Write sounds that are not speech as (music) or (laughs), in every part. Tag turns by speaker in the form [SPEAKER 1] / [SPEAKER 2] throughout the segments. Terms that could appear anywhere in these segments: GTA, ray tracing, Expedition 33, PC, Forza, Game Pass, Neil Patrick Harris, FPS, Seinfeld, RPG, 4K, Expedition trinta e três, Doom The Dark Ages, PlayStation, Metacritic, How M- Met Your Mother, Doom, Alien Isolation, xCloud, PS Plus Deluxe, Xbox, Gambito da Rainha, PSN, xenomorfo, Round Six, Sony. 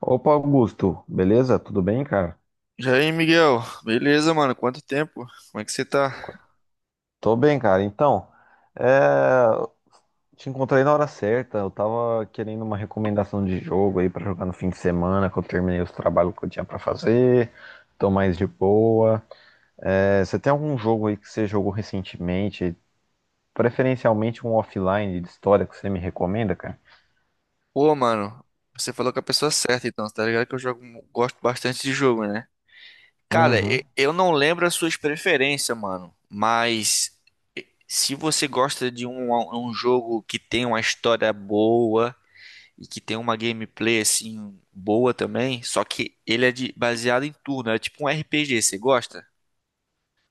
[SPEAKER 1] Opa, Augusto, beleza? Tudo bem, cara?
[SPEAKER 2] E aí, Miguel? Beleza, mano? Quanto tempo? Como é que você tá?
[SPEAKER 1] Tô bem, cara. Então, é, te encontrei na hora certa. Eu tava querendo uma recomendação de jogo aí pra jogar no fim de semana, que eu terminei os trabalhos que eu tinha pra fazer, tô mais de boa. É, você tem algum jogo aí que você jogou recentemente, preferencialmente um offline de história que você me recomenda, cara?
[SPEAKER 2] Pô, mano, você falou com a pessoa certa, então, tá ligado que eu jogo, gosto bastante de jogo, né? Cara,
[SPEAKER 1] Uhum.
[SPEAKER 2] eu não lembro as suas preferências, mano, mas se você gosta de um, jogo que tem uma história boa e que tem uma gameplay, assim, boa também, só que ele é baseado em turno, é tipo um RPG, você gosta?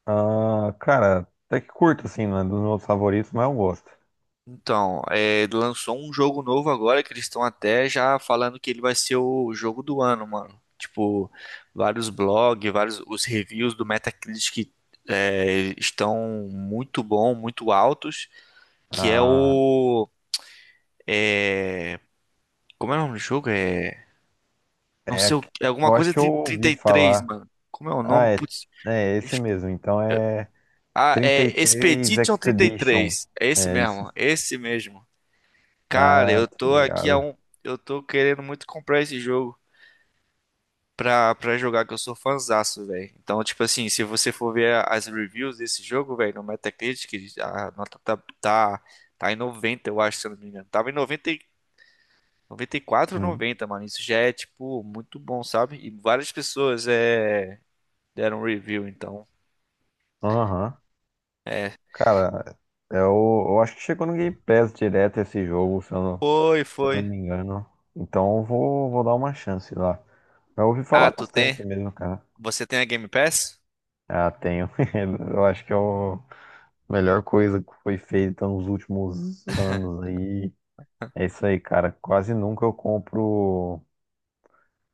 [SPEAKER 1] Ah, cara, até que curto, assim, não é dos meus favoritos, mas eu gosto.
[SPEAKER 2] Então, lançou um jogo novo agora que eles estão até já falando que ele vai ser o jogo do ano, mano. Tipo, vários blogs, vários os reviews do Metacritic estão muito bom, muito altos, que é
[SPEAKER 1] Ah,
[SPEAKER 2] o é, como é o nome do jogo? Não sei,
[SPEAKER 1] é,
[SPEAKER 2] é alguma
[SPEAKER 1] eu acho
[SPEAKER 2] coisa
[SPEAKER 1] que eu
[SPEAKER 2] trinta
[SPEAKER 1] ouvi
[SPEAKER 2] e três
[SPEAKER 1] falar.
[SPEAKER 2] mano. Como é o
[SPEAKER 1] Ah,
[SPEAKER 2] nome?
[SPEAKER 1] é,
[SPEAKER 2] Putz.
[SPEAKER 1] é esse mesmo. Então é
[SPEAKER 2] Ah,
[SPEAKER 1] trinta e
[SPEAKER 2] é
[SPEAKER 1] três
[SPEAKER 2] Expedition trinta e
[SPEAKER 1] Expedition.
[SPEAKER 2] três. É esse
[SPEAKER 1] É isso.
[SPEAKER 2] mesmo, é esse mesmo. Cara,
[SPEAKER 1] Ah,
[SPEAKER 2] eu
[SPEAKER 1] tá
[SPEAKER 2] tô aqui a
[SPEAKER 1] ligado.
[SPEAKER 2] um. Eu tô querendo muito comprar esse jogo pra jogar, que eu sou fãzaço, velho. Então, tipo assim, se você for ver as reviews desse jogo, velho, no Metacritic, a nota tá em 90, eu acho, se eu não me engano. Tava em 90, 94,
[SPEAKER 1] Hum.
[SPEAKER 2] 90, mano. Isso já é, tipo, muito bom, sabe? E várias pessoas deram review, então.
[SPEAKER 1] Aham.
[SPEAKER 2] É.
[SPEAKER 1] Cara, eu acho que chegou no Game Pass direto esse jogo, se eu não,
[SPEAKER 2] Foi,
[SPEAKER 1] se eu não
[SPEAKER 2] foi.
[SPEAKER 1] me engano. Então vou dar uma chance lá. Eu ouvi falar
[SPEAKER 2] Ah, tu tem?
[SPEAKER 1] bastante mesmo, cara.
[SPEAKER 2] Você tem a Game Pass?
[SPEAKER 1] Ah, tenho. (laughs) Eu acho que é a melhor coisa que foi feita nos últimos anos aí. É isso aí, cara. Quase nunca eu compro.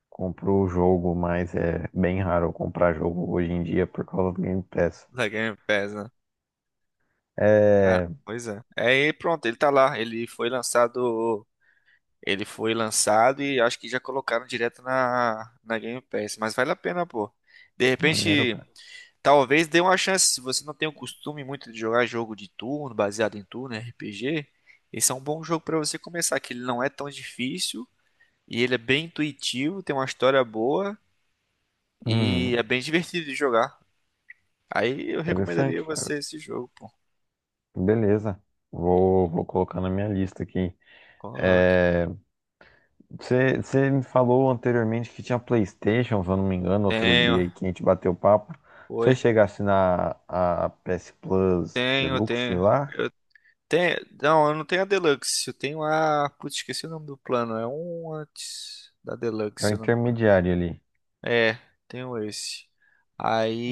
[SPEAKER 1] Compro o jogo, mas é bem raro eu comprar jogo hoje em dia por causa do Game Pass.
[SPEAKER 2] Da Game Pass, né? Cara,
[SPEAKER 1] É.
[SPEAKER 2] pois é. É, e pronto, ele tá lá. Ele foi lançado. Ele foi lançado e acho que já colocaram direto na Game Pass. Mas vale a pena, pô. De
[SPEAKER 1] Maneiro,
[SPEAKER 2] repente,
[SPEAKER 1] cara.
[SPEAKER 2] talvez dê uma chance. Se você não tem o costume muito de jogar jogo de turno, baseado em turno, RPG, esse é um bom jogo pra você começar, que ele não é tão difícil e ele é bem intuitivo, tem uma história boa e
[SPEAKER 1] Uhum.
[SPEAKER 2] é bem (laughs) divertido de jogar. Aí eu recomendaria
[SPEAKER 1] Interessante, cara.
[SPEAKER 2] você esse jogo, pô.
[SPEAKER 1] Beleza. Vou colocar na minha lista aqui.
[SPEAKER 2] Coloque.
[SPEAKER 1] É, você me falou anteriormente que tinha PlayStation, se eu não me engano, outro dia
[SPEAKER 2] Tenho.
[SPEAKER 1] aí que a gente bateu papo. Você
[SPEAKER 2] Oi.
[SPEAKER 1] chegasse na a PS Plus
[SPEAKER 2] Tenho,
[SPEAKER 1] Deluxe
[SPEAKER 2] tenho.
[SPEAKER 1] lá,
[SPEAKER 2] Eu tenho. Não, eu não tenho a Deluxe. Eu tenho a. Putz, esqueci o nome do plano. É um antes da
[SPEAKER 1] é
[SPEAKER 2] Deluxe,
[SPEAKER 1] o
[SPEAKER 2] se eu não me engano.
[SPEAKER 1] intermediário ali.
[SPEAKER 2] É, tenho esse.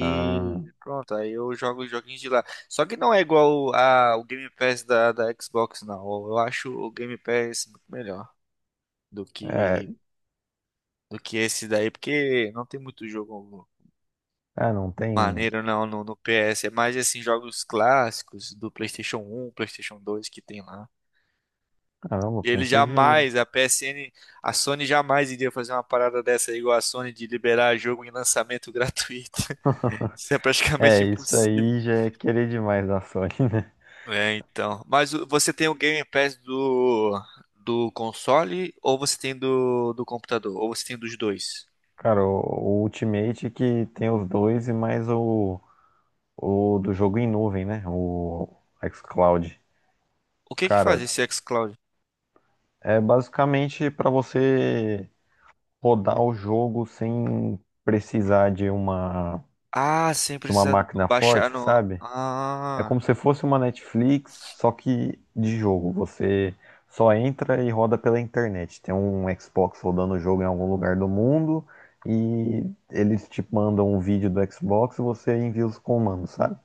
[SPEAKER 1] Ah,
[SPEAKER 2] Pronto, aí eu jogo os joguinhos de lá. Só que não é igual a, o Game Pass da Xbox, não. Eu acho o Game Pass muito melhor do
[SPEAKER 1] é,
[SPEAKER 2] que, do que esse daí, porque não tem muito jogo.
[SPEAKER 1] ah, não tem.
[SPEAKER 2] Maneiro não, no PS, é mais assim, jogos clássicos do PlayStation 1 PlayStation 2 que tem lá.
[SPEAKER 1] Caramba, eu
[SPEAKER 2] Ele
[SPEAKER 1] pensei que
[SPEAKER 2] jamais, a PSN, a Sony jamais iria fazer uma parada dessa igual a Sony de liberar jogo em lançamento gratuito. (laughs) Isso é praticamente
[SPEAKER 1] é, isso
[SPEAKER 2] impossível.
[SPEAKER 1] aí já é querer demais da Sony, (laughs) né?
[SPEAKER 2] É, então. Mas você tem o Game Pass do console ou você tem do computador? Ou você tem dos dois?
[SPEAKER 1] Cara, o Ultimate que tem os dois e mais o do jogo em nuvem, né? O xCloud.
[SPEAKER 2] O que que faz
[SPEAKER 1] Cara,
[SPEAKER 2] esse xCloud?
[SPEAKER 1] é basicamente pra você rodar o jogo sem precisar de uma,
[SPEAKER 2] Ah, sem
[SPEAKER 1] de uma
[SPEAKER 2] precisar
[SPEAKER 1] máquina
[SPEAKER 2] baixar
[SPEAKER 1] forte,
[SPEAKER 2] no.
[SPEAKER 1] sabe? É como
[SPEAKER 2] Ah,
[SPEAKER 1] se fosse uma Netflix, só que de jogo. Você só entra e roda pela internet. Tem um Xbox rodando o jogo em algum lugar do mundo e eles te mandam um vídeo do Xbox e você envia os comandos, sabe?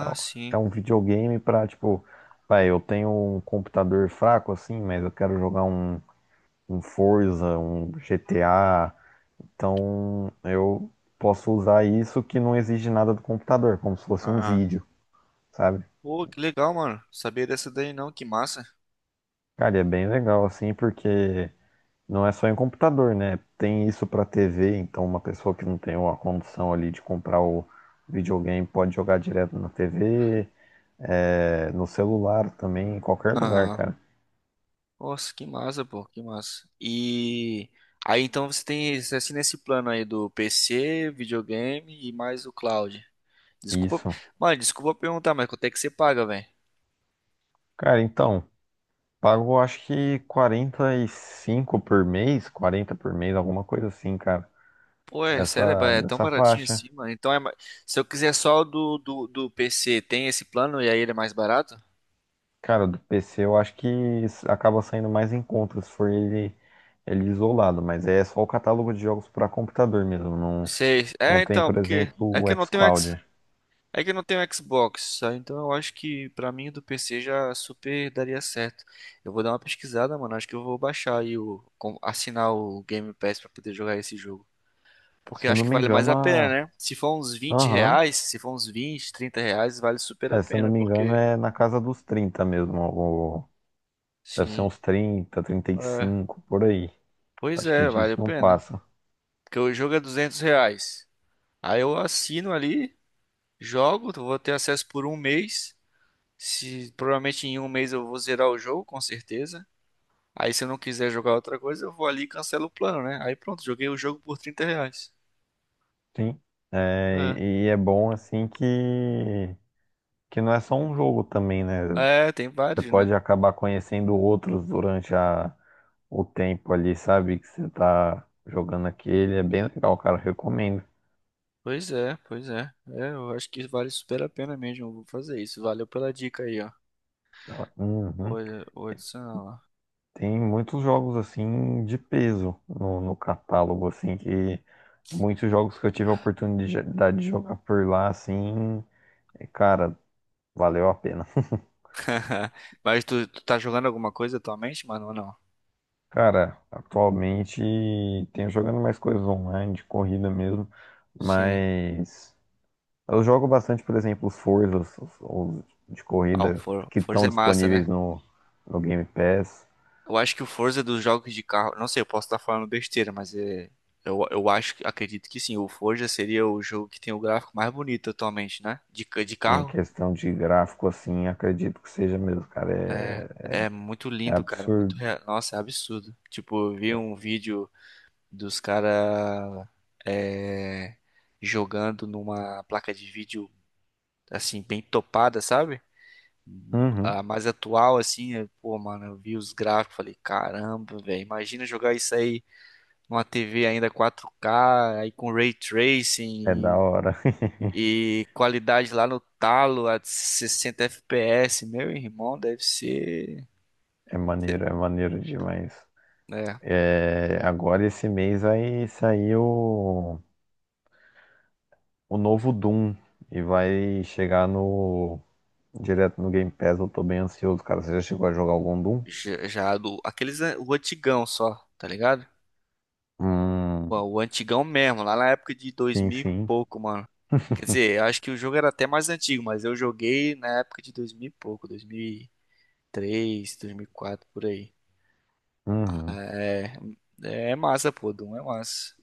[SPEAKER 1] É um- é
[SPEAKER 2] sim.
[SPEAKER 1] um videogame pra, tipo, vai, eu tenho um computador fraco assim, mas eu quero jogar um Forza, um GTA, então eu posso usar isso que não exige nada do computador, como se fosse um
[SPEAKER 2] Ah.
[SPEAKER 1] vídeo, sabe?
[SPEAKER 2] Pô, que legal, mano. Sabia dessa daí não, que massa.
[SPEAKER 1] Cara, e é bem legal assim, porque não é só em computador, né? Tem isso pra TV, então uma pessoa que não tem uma condição ali de comprar o videogame pode jogar direto na TV, é, no celular também, em qualquer lugar,
[SPEAKER 2] Aham.
[SPEAKER 1] cara.
[SPEAKER 2] Nossa, que massa, pô, que massa. E aí então você assina assim nesse plano aí do PC, videogame e mais o cloud. Desculpa,
[SPEAKER 1] Isso.
[SPEAKER 2] mano, desculpa perguntar, mas quanto é que você paga, velho?
[SPEAKER 1] Cara, então, pago acho que 45 por mês, 40 por mês, alguma coisa assim, cara.
[SPEAKER 2] Pô, é sério, é tão
[SPEAKER 1] Nessa
[SPEAKER 2] baratinho
[SPEAKER 1] faixa.
[SPEAKER 2] assim, mano. Então se eu quiser só o do PC, tem esse plano e aí ele é mais barato?
[SPEAKER 1] Cara, do PC eu acho que acaba saindo mais em conta se for ele, ele isolado, mas é só o catálogo de jogos para computador mesmo. Não,
[SPEAKER 2] Sei.
[SPEAKER 1] não
[SPEAKER 2] É,
[SPEAKER 1] tem,
[SPEAKER 2] então,
[SPEAKER 1] por
[SPEAKER 2] porque
[SPEAKER 1] exemplo,
[SPEAKER 2] é
[SPEAKER 1] o
[SPEAKER 2] que eu não tenho.
[SPEAKER 1] xCloud.
[SPEAKER 2] É que eu não tenho Xbox, tá? Então eu acho que pra mim do PC já super daria certo. Eu vou dar uma pesquisada, mano. Acho que eu vou baixar aí assinar o Game Pass pra poder jogar esse jogo. Porque
[SPEAKER 1] Se eu
[SPEAKER 2] acho
[SPEAKER 1] não
[SPEAKER 2] que
[SPEAKER 1] me
[SPEAKER 2] vale mais
[SPEAKER 1] engano,
[SPEAKER 2] a pena,
[SPEAKER 1] a...
[SPEAKER 2] né? Se for uns vinte
[SPEAKER 1] aham.
[SPEAKER 2] reais, se for uns 20, R$ 30, vale super a
[SPEAKER 1] É, se eu não
[SPEAKER 2] pena,
[SPEAKER 1] me engano,
[SPEAKER 2] porque...
[SPEAKER 1] é na casa dos 30 mesmo. Deve ser
[SPEAKER 2] Sim.
[SPEAKER 1] uns 30 trinta e
[SPEAKER 2] É,
[SPEAKER 1] cinco por aí.
[SPEAKER 2] pois
[SPEAKER 1] Acho que
[SPEAKER 2] é, vale a
[SPEAKER 1] disso não
[SPEAKER 2] pena.
[SPEAKER 1] passa.
[SPEAKER 2] Porque o jogo é R$ 200. Aí eu assino ali, jogo, vou ter acesso por um mês. Se, Provavelmente em um mês eu vou zerar o jogo, com certeza. Aí se eu não quiser jogar outra coisa, eu vou ali e cancelo o plano, né? Aí pronto, joguei o jogo por R$ 30.
[SPEAKER 1] Sim. É, e é bom assim que não é só um jogo também, né?
[SPEAKER 2] É, tem
[SPEAKER 1] Você
[SPEAKER 2] vários, né?
[SPEAKER 1] pode acabar conhecendo outros durante a o tempo ali, sabe? Que você tá jogando aquele. É bem legal, cara. Recomendo.
[SPEAKER 2] Pois é, pois é. É, eu acho que vale super a pena mesmo. Eu vou fazer isso. Valeu pela dica aí, ó.
[SPEAKER 1] Uhum.
[SPEAKER 2] Olha, olha, isso não.
[SPEAKER 1] Tem muitos jogos assim de peso no, no catálogo, assim, que muitos jogos que eu tive a oportunidade de jogar por lá, assim, é, cara, valeu a pena.
[SPEAKER 2] (laughs) Mas tu tá jogando alguma coisa atualmente, mano, ou não?
[SPEAKER 1] Cara, atualmente tenho jogando mais coisas online, de corrida mesmo,
[SPEAKER 2] Sim.
[SPEAKER 1] mas eu jogo bastante, por exemplo, os Forzas, os de
[SPEAKER 2] Ah, o
[SPEAKER 1] corrida que
[SPEAKER 2] Forza
[SPEAKER 1] estão
[SPEAKER 2] é massa,
[SPEAKER 1] disponíveis
[SPEAKER 2] né?
[SPEAKER 1] no, no Game Pass.
[SPEAKER 2] Eu acho que o Forza é dos jogos de carro. Não sei, eu posso estar falando besteira, mas é. Eu acho, acredito que sim. O Forza seria o jogo que tem o gráfico mais bonito atualmente, né? De
[SPEAKER 1] Em
[SPEAKER 2] carro.
[SPEAKER 1] questão de gráfico, assim, acredito que seja mesmo, cara.
[SPEAKER 2] É, é, muito
[SPEAKER 1] É, é
[SPEAKER 2] lindo, cara.
[SPEAKER 1] absurdo.
[SPEAKER 2] Nossa, é absurdo. Tipo, eu vi um vídeo dos caras jogando numa placa de vídeo assim, bem topada, sabe?
[SPEAKER 1] Uhum,
[SPEAKER 2] A mais atual, assim, pô, mano, eu vi os gráficos, falei, caramba, velho, imagina jogar isso aí numa TV ainda 4K, aí com ray
[SPEAKER 1] é da
[SPEAKER 2] tracing
[SPEAKER 1] hora. (laughs)
[SPEAKER 2] e qualidade lá no talo a 60 FPS, meu irmão, deve ser.
[SPEAKER 1] É maneiro demais.
[SPEAKER 2] Né?
[SPEAKER 1] É, agora esse mês vai sair o novo Doom e vai chegar no direto no Game Pass. Eu tô bem ansioso, cara. Você já chegou a jogar algum Doom?
[SPEAKER 2] Já o antigão só, tá ligado?
[SPEAKER 1] Hum,
[SPEAKER 2] Pô, o antigão mesmo, lá na época de
[SPEAKER 1] sim,
[SPEAKER 2] 2000 e
[SPEAKER 1] sim.
[SPEAKER 2] pouco, mano. Quer dizer, eu acho que o jogo era até mais antigo, mas eu joguei na época de 2000 e pouco, 2003, quatro por aí.
[SPEAKER 1] Uhum.
[SPEAKER 2] É, é, massa, pô, Doom é massa.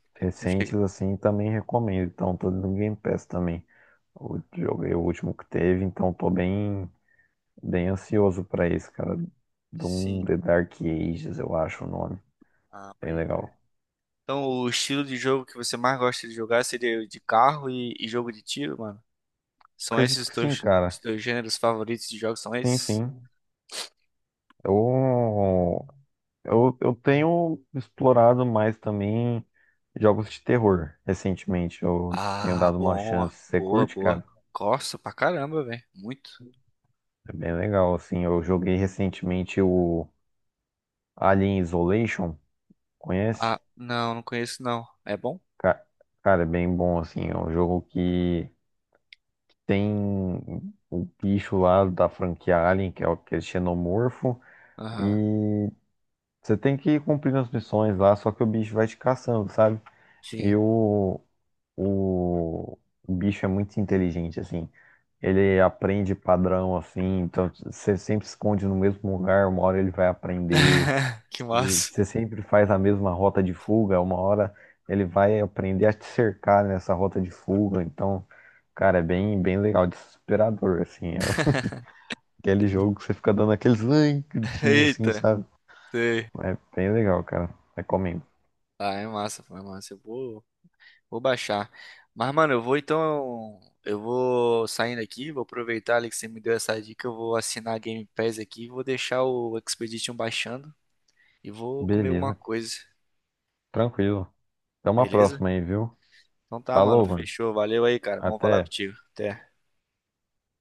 [SPEAKER 2] Não
[SPEAKER 1] Recentes
[SPEAKER 2] chega-
[SPEAKER 1] assim também recomendo. Então, tô no Game Pass também. Eu joguei o último que teve, então tô bem bem ansioso pra esse, cara. Doom
[SPEAKER 2] Sim.
[SPEAKER 1] The Dark Ages, eu acho o nome.
[SPEAKER 2] Ah,
[SPEAKER 1] Bem
[SPEAKER 2] pode crer.
[SPEAKER 1] legal.
[SPEAKER 2] Então, o estilo de jogo que você mais gosta de jogar seria o de carro e jogo de tiro, mano? São esses
[SPEAKER 1] Acredito
[SPEAKER 2] os
[SPEAKER 1] que sim,
[SPEAKER 2] teus, os
[SPEAKER 1] cara.
[SPEAKER 2] teus gêneros favoritos de jogos? São
[SPEAKER 1] Sim,
[SPEAKER 2] esses?
[SPEAKER 1] sim. Eu, eu tenho explorado mais também jogos de terror recentemente. Eu tenho
[SPEAKER 2] Ah,
[SPEAKER 1] dado uma
[SPEAKER 2] bom,
[SPEAKER 1] chance. Você
[SPEAKER 2] boa,
[SPEAKER 1] curte,
[SPEAKER 2] boa.
[SPEAKER 1] cara?
[SPEAKER 2] Gosto pra caramba, velho. Muito.
[SPEAKER 1] É bem legal, assim. Eu joguei recentemente o Alien Isolation. Conhece?
[SPEAKER 2] Ah, não, não conheço não. É bom?
[SPEAKER 1] Ca- Cara, é bem bom, assim. É um jogo que tem o bicho lá da franquia Alien, que é que é xenomorfo,
[SPEAKER 2] Aham,
[SPEAKER 1] e você tem que ir cumprindo as missões lá, só que o bicho vai te caçando, sabe?
[SPEAKER 2] sim.
[SPEAKER 1] E o, o bicho é muito inteligente, assim. Ele aprende padrão, assim, então você sempre esconde no mesmo lugar, uma hora ele vai aprender.
[SPEAKER 2] (laughs) Que
[SPEAKER 1] E
[SPEAKER 2] massa.
[SPEAKER 1] você sempre faz a mesma rota de fuga, uma hora ele vai aprender a te cercar nessa rota de fuga. Então, cara, é bem legal, desesperador, assim. É (laughs) aquele jogo que você fica dando aqueles "Ai", gritinhos, assim,
[SPEAKER 2] Eita,
[SPEAKER 1] sabe?
[SPEAKER 2] sei.
[SPEAKER 1] É bem legal, cara. Recomendo.
[SPEAKER 2] Ah, é massa, foi massa. Eu vou baixar. Mas, mano, eu vou então. Eu vou saindo aqui, vou aproveitar ali que você me deu essa dica. Eu vou assinar a Game Pass aqui, vou deixar o Expedition baixando e vou comer alguma
[SPEAKER 1] Beleza,
[SPEAKER 2] coisa,
[SPEAKER 1] tranquilo. Até uma
[SPEAKER 2] beleza?
[SPEAKER 1] próxima aí, viu?
[SPEAKER 2] Então tá, mano,
[SPEAKER 1] Falou, mano.
[SPEAKER 2] fechou. Valeu aí, cara. Bom falar
[SPEAKER 1] Até.
[SPEAKER 2] contigo. Até.